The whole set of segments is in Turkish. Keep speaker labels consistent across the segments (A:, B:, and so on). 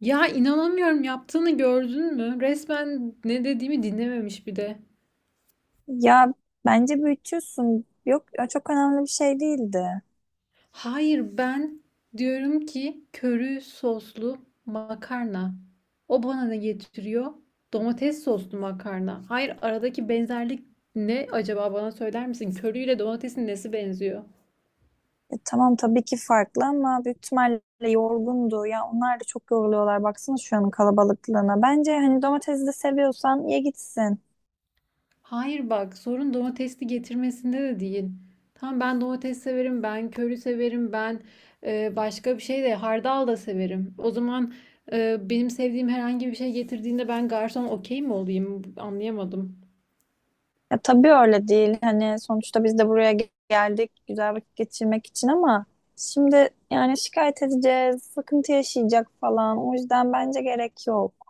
A: Ya inanamıyorum yaptığını gördün mü? Resmen ne dediğimi dinlememiş bir de.
B: Ya bence büyütüyorsun. Yok ya çok önemli bir şey değildi.
A: Hayır ben diyorum ki köri soslu makarna. O bana ne getiriyor? Domates soslu makarna. Hayır aradaki benzerlik ne acaba bana söyler misin? Köriyle domatesin nesi benziyor?
B: Ya tamam tabii ki farklı ama büyük ihtimalle yorgundu. Ya onlar da çok yoruluyorlar. Baksana şu an kalabalıklığına. Bence hani domatesi de seviyorsan ye gitsin.
A: Hayır bak sorun domatesli getirmesinde de değil. Tamam ben domates severim, ben köri severim, ben başka bir şey de hardal da severim. O zaman benim sevdiğim herhangi bir şey getirdiğinde ben garson okey mi olayım? Anlayamadım.
B: Ya tabii öyle değil. Hani sonuçta biz de buraya geldik güzel vakit geçirmek için ama şimdi yani şikayet edeceğiz, sıkıntı yaşayacak falan. O yüzden bence gerek yok.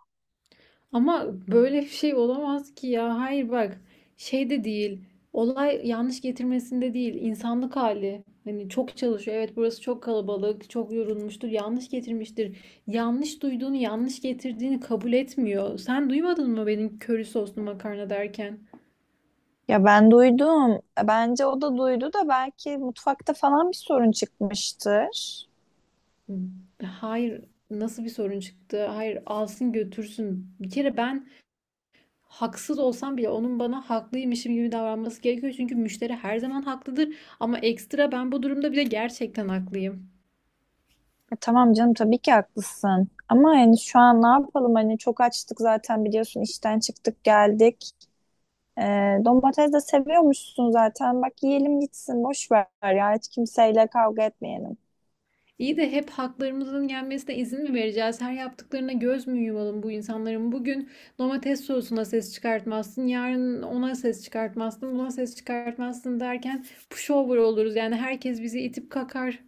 A: Ama böyle bir şey olamaz ki ya. Hayır bak şey de değil. Olay yanlış getirmesinde değil. İnsanlık hali. Hani çok çalışıyor. Evet burası çok kalabalık, çok yorulmuştur. Yanlış getirmiştir. Yanlış duyduğunu, yanlış getirdiğini kabul etmiyor. Sen duymadın mı benim köri soslu makarna derken?
B: Ya ben duydum. Bence o da duydu da belki mutfakta falan bir sorun çıkmıştır.
A: Hayır, nasıl bir sorun çıktı? Hayır, alsın götürsün. Bir kere ben haksız olsam bile onun bana haklıymışım gibi davranması gerekiyor. Çünkü müşteri her zaman haklıdır ama ekstra ben bu durumda bile gerçekten haklıyım.
B: E tamam canım tabii ki haklısın. Ama hani şu an ne yapalım? Hani çok açtık zaten biliyorsun işten çıktık geldik. E, Domates de seviyormuşsun zaten. Bak yiyelim gitsin boş ver ya hiç kimseyle kavga etmeyelim.
A: İyi de hep haklarımızın gelmesine izin mi vereceğiz? Her yaptıklarına göz mü yumalım bu insanların? Bugün domates sosuna ses çıkartmazsın, yarın ona ses çıkartmazsın, buna ses çıkartmazsın derken pushover oluruz. Yani herkes bizi itip kakar.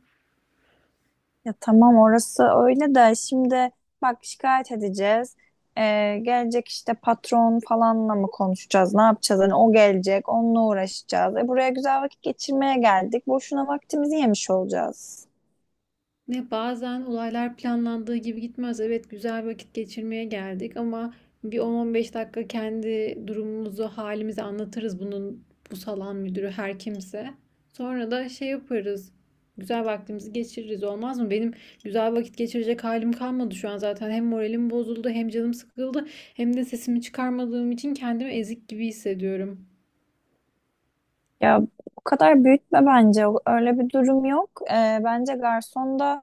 B: Ya tamam orası öyle de şimdi bak şikayet edeceğiz. Gelecek işte patron falanla mı konuşacağız? Ne yapacağız? Hani o gelecek, onunla uğraşacağız. E buraya güzel vakit geçirmeye geldik. Boşuna vaktimizi yemiş olacağız.
A: Ne bazen olaylar planlandığı gibi gitmez. Evet güzel vakit geçirmeye geldik ama bir 10-15 dakika kendi durumumuzu, halimizi anlatırız bunun bu salon müdürü her kimse. Sonra da şey yaparız. Güzel vaktimizi geçiririz olmaz mı? Benim güzel vakit geçirecek halim kalmadı şu an zaten. Hem moralim bozuldu, hem canım sıkıldı, hem de sesimi çıkarmadığım için kendimi ezik gibi hissediyorum.
B: Ya o kadar büyütme bence. Öyle bir durum yok. Bence garson da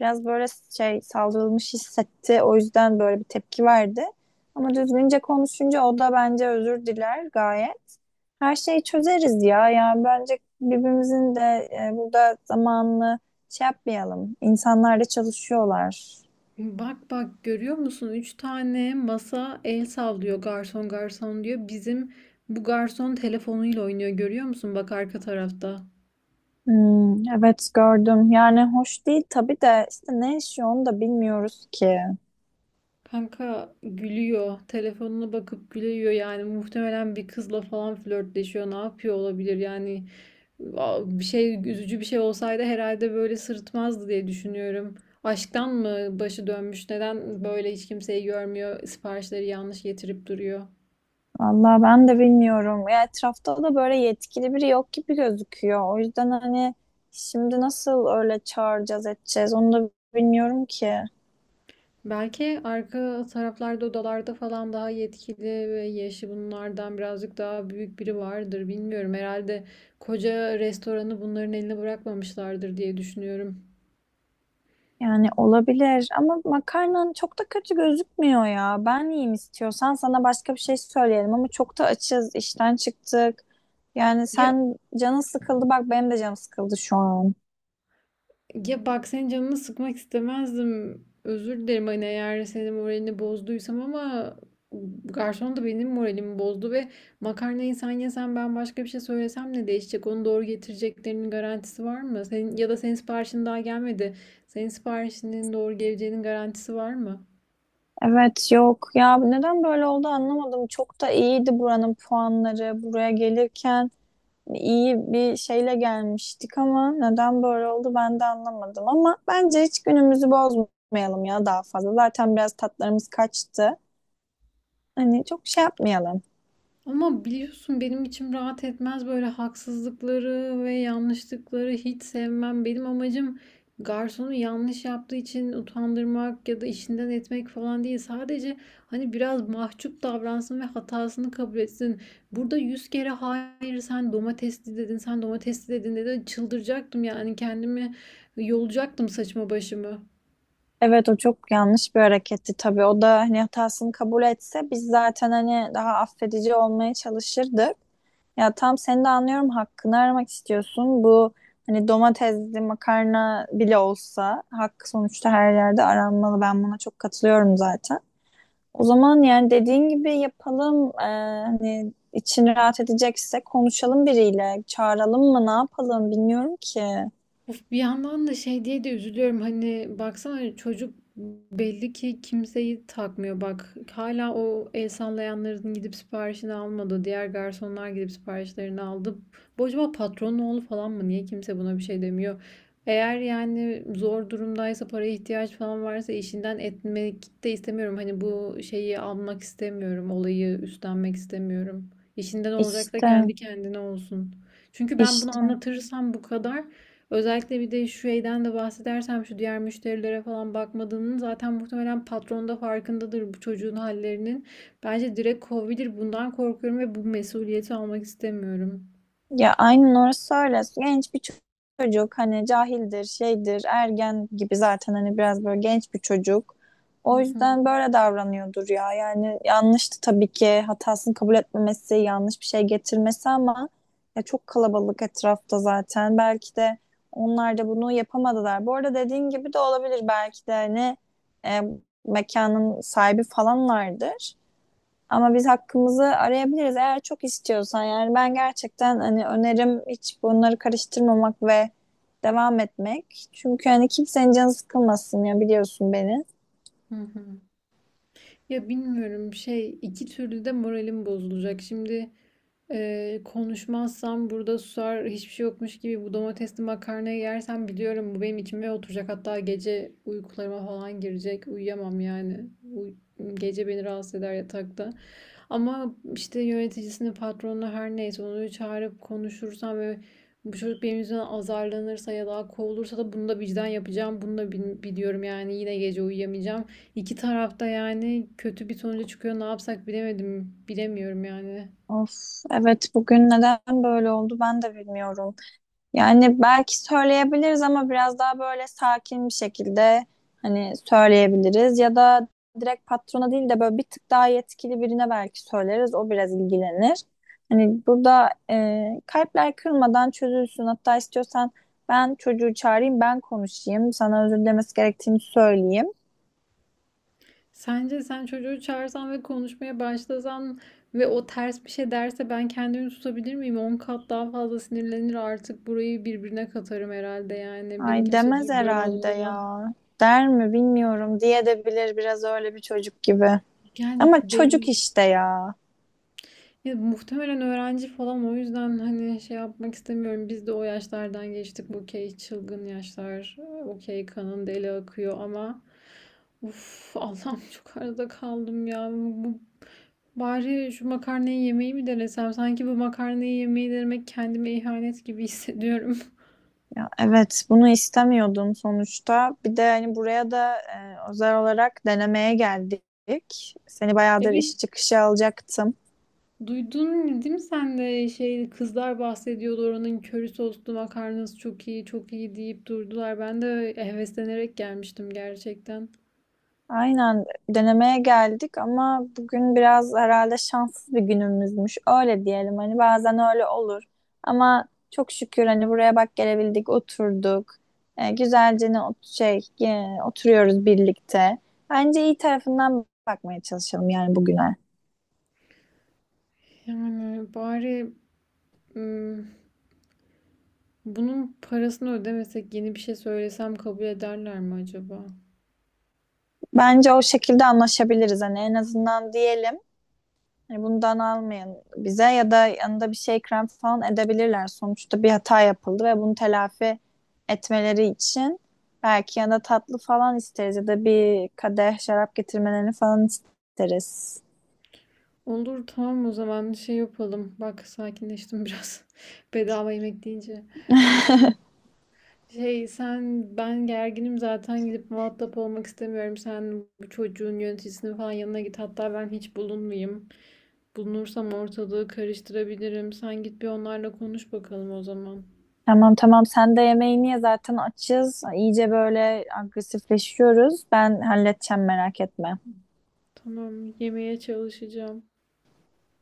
B: biraz böyle şey saldırılmış hissetti. O yüzden böyle bir tepki verdi. Ama düzgünce konuşunca o da bence özür diler gayet. Her şeyi çözeriz ya. Yani bence birbirimizin de burada zamanını şey yapmayalım. İnsanlar da çalışıyorlar.
A: Bak bak görüyor musun? 3 tane masa el sallıyor garson garson diyor. Bizim bu garson telefonuyla oynuyor görüyor musun? Bak arka tarafta.
B: Hmm, evet gördüm. Yani hoş değil tabii de işte ne işi onu da bilmiyoruz ki.
A: Kanka gülüyor. Telefonuna bakıp gülüyor yani. Muhtemelen bir kızla falan flörtleşiyor. Ne yapıyor olabilir yani? Bir şey üzücü bir şey olsaydı herhalde böyle sırıtmazdı diye düşünüyorum. Aşktan mı başı dönmüş? Neden böyle hiç kimseyi görmüyor? Siparişleri yanlış getirip duruyor.
B: Vallahi ben de bilmiyorum. Ya etrafta da böyle yetkili biri yok gibi gözüküyor. O yüzden hani şimdi nasıl öyle çağıracağız edeceğiz onu da bilmiyorum ki.
A: Belki arka taraflarda odalarda falan daha yetkili ve yaşı bunlardan birazcık daha büyük biri vardır. Bilmiyorum. Herhalde koca restoranı bunların eline bırakmamışlardır diye düşünüyorum.
B: Yani olabilir ama makarnan çok da kötü gözükmüyor ya. Ben yiyeyim istiyorsan sana başka bir şey söyleyelim ama çok da açız, işten çıktık. Yani
A: Ya
B: sen canın sıkıldı bak benim de canım sıkıldı şu an.
A: Ya bak senin canını sıkmak istemezdim. Özür dilerim hani eğer senin moralini bozduysam ama garson da benim moralimi bozdu ve makarnayı sen yesen ben başka bir şey söylesem ne değişecek? Onu doğru getireceklerinin garantisi var mı? Senin, ya da senin siparişin daha gelmedi. Senin siparişinin doğru geleceğinin garantisi var mı?
B: Evet yok ya neden böyle oldu anlamadım. Çok da iyiydi buranın puanları. Buraya gelirken iyi bir şeyle gelmiştik ama neden böyle oldu ben de anlamadım. Ama bence hiç günümüzü bozmayalım ya daha fazla. Zaten biraz tatlarımız kaçtı. Hani çok şey yapmayalım.
A: Ama biliyorsun benim içim rahat etmez böyle haksızlıkları ve yanlışlıkları hiç sevmem. Benim amacım garsonu yanlış yaptığı için utandırmak ya da işinden etmek falan değil. Sadece hani biraz mahcup davransın ve hatasını kabul etsin. Burada 100 kere hayır sen domatesli dedin, sen domatesli dedin dedi. Çıldıracaktım yani kendimi yolacaktım saçma başımı.
B: Evet o çok yanlış bir hareketti tabii. O da hani hatasını kabul etse biz zaten hani daha affedici olmaya çalışırdık. Ya tam seni de anlıyorum hakkını aramak istiyorsun. Bu hani domatesli makarna bile olsa hakkı sonuçta her yerde aranmalı. Ben buna çok katılıyorum zaten. O zaman yani dediğin gibi yapalım. Hani için rahat edecekse konuşalım biriyle. Çağıralım mı ne yapalım bilmiyorum ki.
A: Of bir yandan da şey diye de üzülüyorum. Hani baksana hani çocuk belli ki kimseyi takmıyor. Bak hala o el sallayanların gidip siparişini almadı. Diğer garsonlar gidip siparişlerini aldı. Bu acaba patronun oğlu falan mı? Niye kimse buna bir şey demiyor? Eğer yani zor durumdaysa paraya ihtiyaç falan varsa işinden etmek de istemiyorum. Hani bu şeyi almak istemiyorum. Olayı üstlenmek istemiyorum. İşinden olacak da
B: İşte
A: kendi kendine olsun. Çünkü ben bunu
B: işte.
A: anlatırsam bu kadar özellikle bir de şu şeyden de bahsedersem şu diğer müşterilere falan bakmadığının zaten muhtemelen patron da farkındadır bu çocuğun hallerinin. Bence direkt kovabilir. Bundan korkuyorum ve bu mesuliyeti almak istemiyorum.
B: Ya aynen orası öyle. Genç bir çocuk hani cahildir, şeydir, ergen gibi zaten hani biraz böyle genç bir çocuk.
A: Hı
B: O
A: hı,
B: yüzden böyle davranıyordur ya. Yani yanlıştı tabii ki hatasını kabul etmemesi, yanlış bir şey getirmesi ama ya çok kalabalık etrafta zaten. Belki de onlar da bunu yapamadılar. Bu arada dediğin gibi de olabilir belki de hani e, mekanın sahibi falanlardır. Ama biz hakkımızı arayabiliriz eğer çok istiyorsan. Yani ben gerçekten hani önerim hiç bunları karıştırmamak ve devam etmek. Çünkü hani kimsenin canı sıkılmasın ya biliyorsun beni.
A: hı hı. Ya bilmiyorum şey iki türlü de moralim bozulacak. Şimdi konuşmazsam burada susar hiçbir şey yokmuş gibi bu domatesli makarnayı yersem biliyorum bu benim içime oturacak. Hatta gece uykularıma falan girecek. Uyuyamam yani. Uy- gece beni rahatsız eder yatakta. Ama işte yöneticisini, patronu her neyse onu çağırıp konuşursam ve bu çocuk benim yüzümden azarlanırsa ya da kovulursa da bunu da vicdan yapacağım. Bunu da biliyorum yani yine gece uyuyamayacağım. İki tarafta yani kötü bir sonuca çıkıyor. Ne yapsak bilemedim. Bilemiyorum yani.
B: Of evet bugün neden böyle oldu ben de bilmiyorum. Yani belki söyleyebiliriz ama biraz daha böyle sakin bir şekilde hani söyleyebiliriz ya da direkt patrona değil de böyle bir tık daha yetkili birine belki söyleriz. O biraz ilgilenir. Hani burada kalpler kırılmadan çözülsün. Hatta istiyorsan ben çocuğu çağırayım, ben konuşayım. Sana özür dilemesi gerektiğini söyleyeyim.
A: Sence sen çocuğu çağırsan ve konuşmaya başlasan ve o ters bir şey derse ben kendimi tutabilir miyim? On kat daha fazla sinirlenir artık burayı birbirine katarım herhalde yani.
B: Ay
A: Beni kimse
B: demez
A: durduramaz o
B: herhalde
A: zaman.
B: ya. Der mi bilmiyorum. Diye de bilir biraz öyle bir çocuk gibi.
A: Yani
B: Ama çocuk
A: belli.
B: işte ya.
A: Ya muhtemelen öğrenci falan o yüzden hani şey yapmak istemiyorum. Biz de o yaşlardan geçtik. Bu okey çılgın yaşlar. Okey kanın deli akıyor ama uf Allah'ım çok arada kaldım ya. Bari şu makarnayı yemeyi mi denesem? Sanki bu makarnayı yemeyi denemek kendime ihanet gibi hissediyorum.
B: Ya evet, bunu istemiyordum sonuçta. Bir de hani buraya da özel olarak denemeye geldik. Seni bayağıdır
A: Evet
B: iş çıkışı alacaktım.
A: duydun değil mi sen de şey kızlar bahsediyordu oranın köri soslu makarnası çok iyi çok iyi deyip durdular. Ben de heveslenerek gelmiştim gerçekten.
B: Aynen denemeye geldik ama bugün biraz herhalde şanssız bir günümüzmüş. Öyle diyelim hani bazen öyle olur. Ama çok şükür hani buraya bak gelebildik, oturduk. E, güzelce ne ot- şey e, Oturuyoruz birlikte. Bence iyi tarafından bakmaya çalışalım yani bugüne.
A: Yani bari ım, bunun parasını ödemesek yeni bir şey söylesem kabul ederler mi acaba?
B: Bence o şekilde anlaşabiliriz. Hani en azından diyelim hani bundan almayın bize ya da yanında bir şey krem falan edebilirler. Sonuçta bir hata yapıldı ve bunu telafi etmeleri için belki yanında tatlı falan isteriz ya da bir kadeh şarap getirmelerini falan isteriz.
A: Olur tamam o zaman şey yapalım. Bak sakinleştim biraz. Bedava yemek deyince. Şey sen ben gerginim zaten gidip muhatap olmak istemiyorum. Sen bu çocuğun yöneticisinin falan yanına git. Hatta ben hiç bulunmayayım. Bulunursam ortalığı karıştırabilirim. Sen git bir onlarla konuş bakalım o zaman.
B: Tamam tamam sen de yemeğini ye zaten açız. İyice böyle agresifleşiyoruz. Ben halledeceğim merak etme.
A: Tamam yemeye çalışacağım.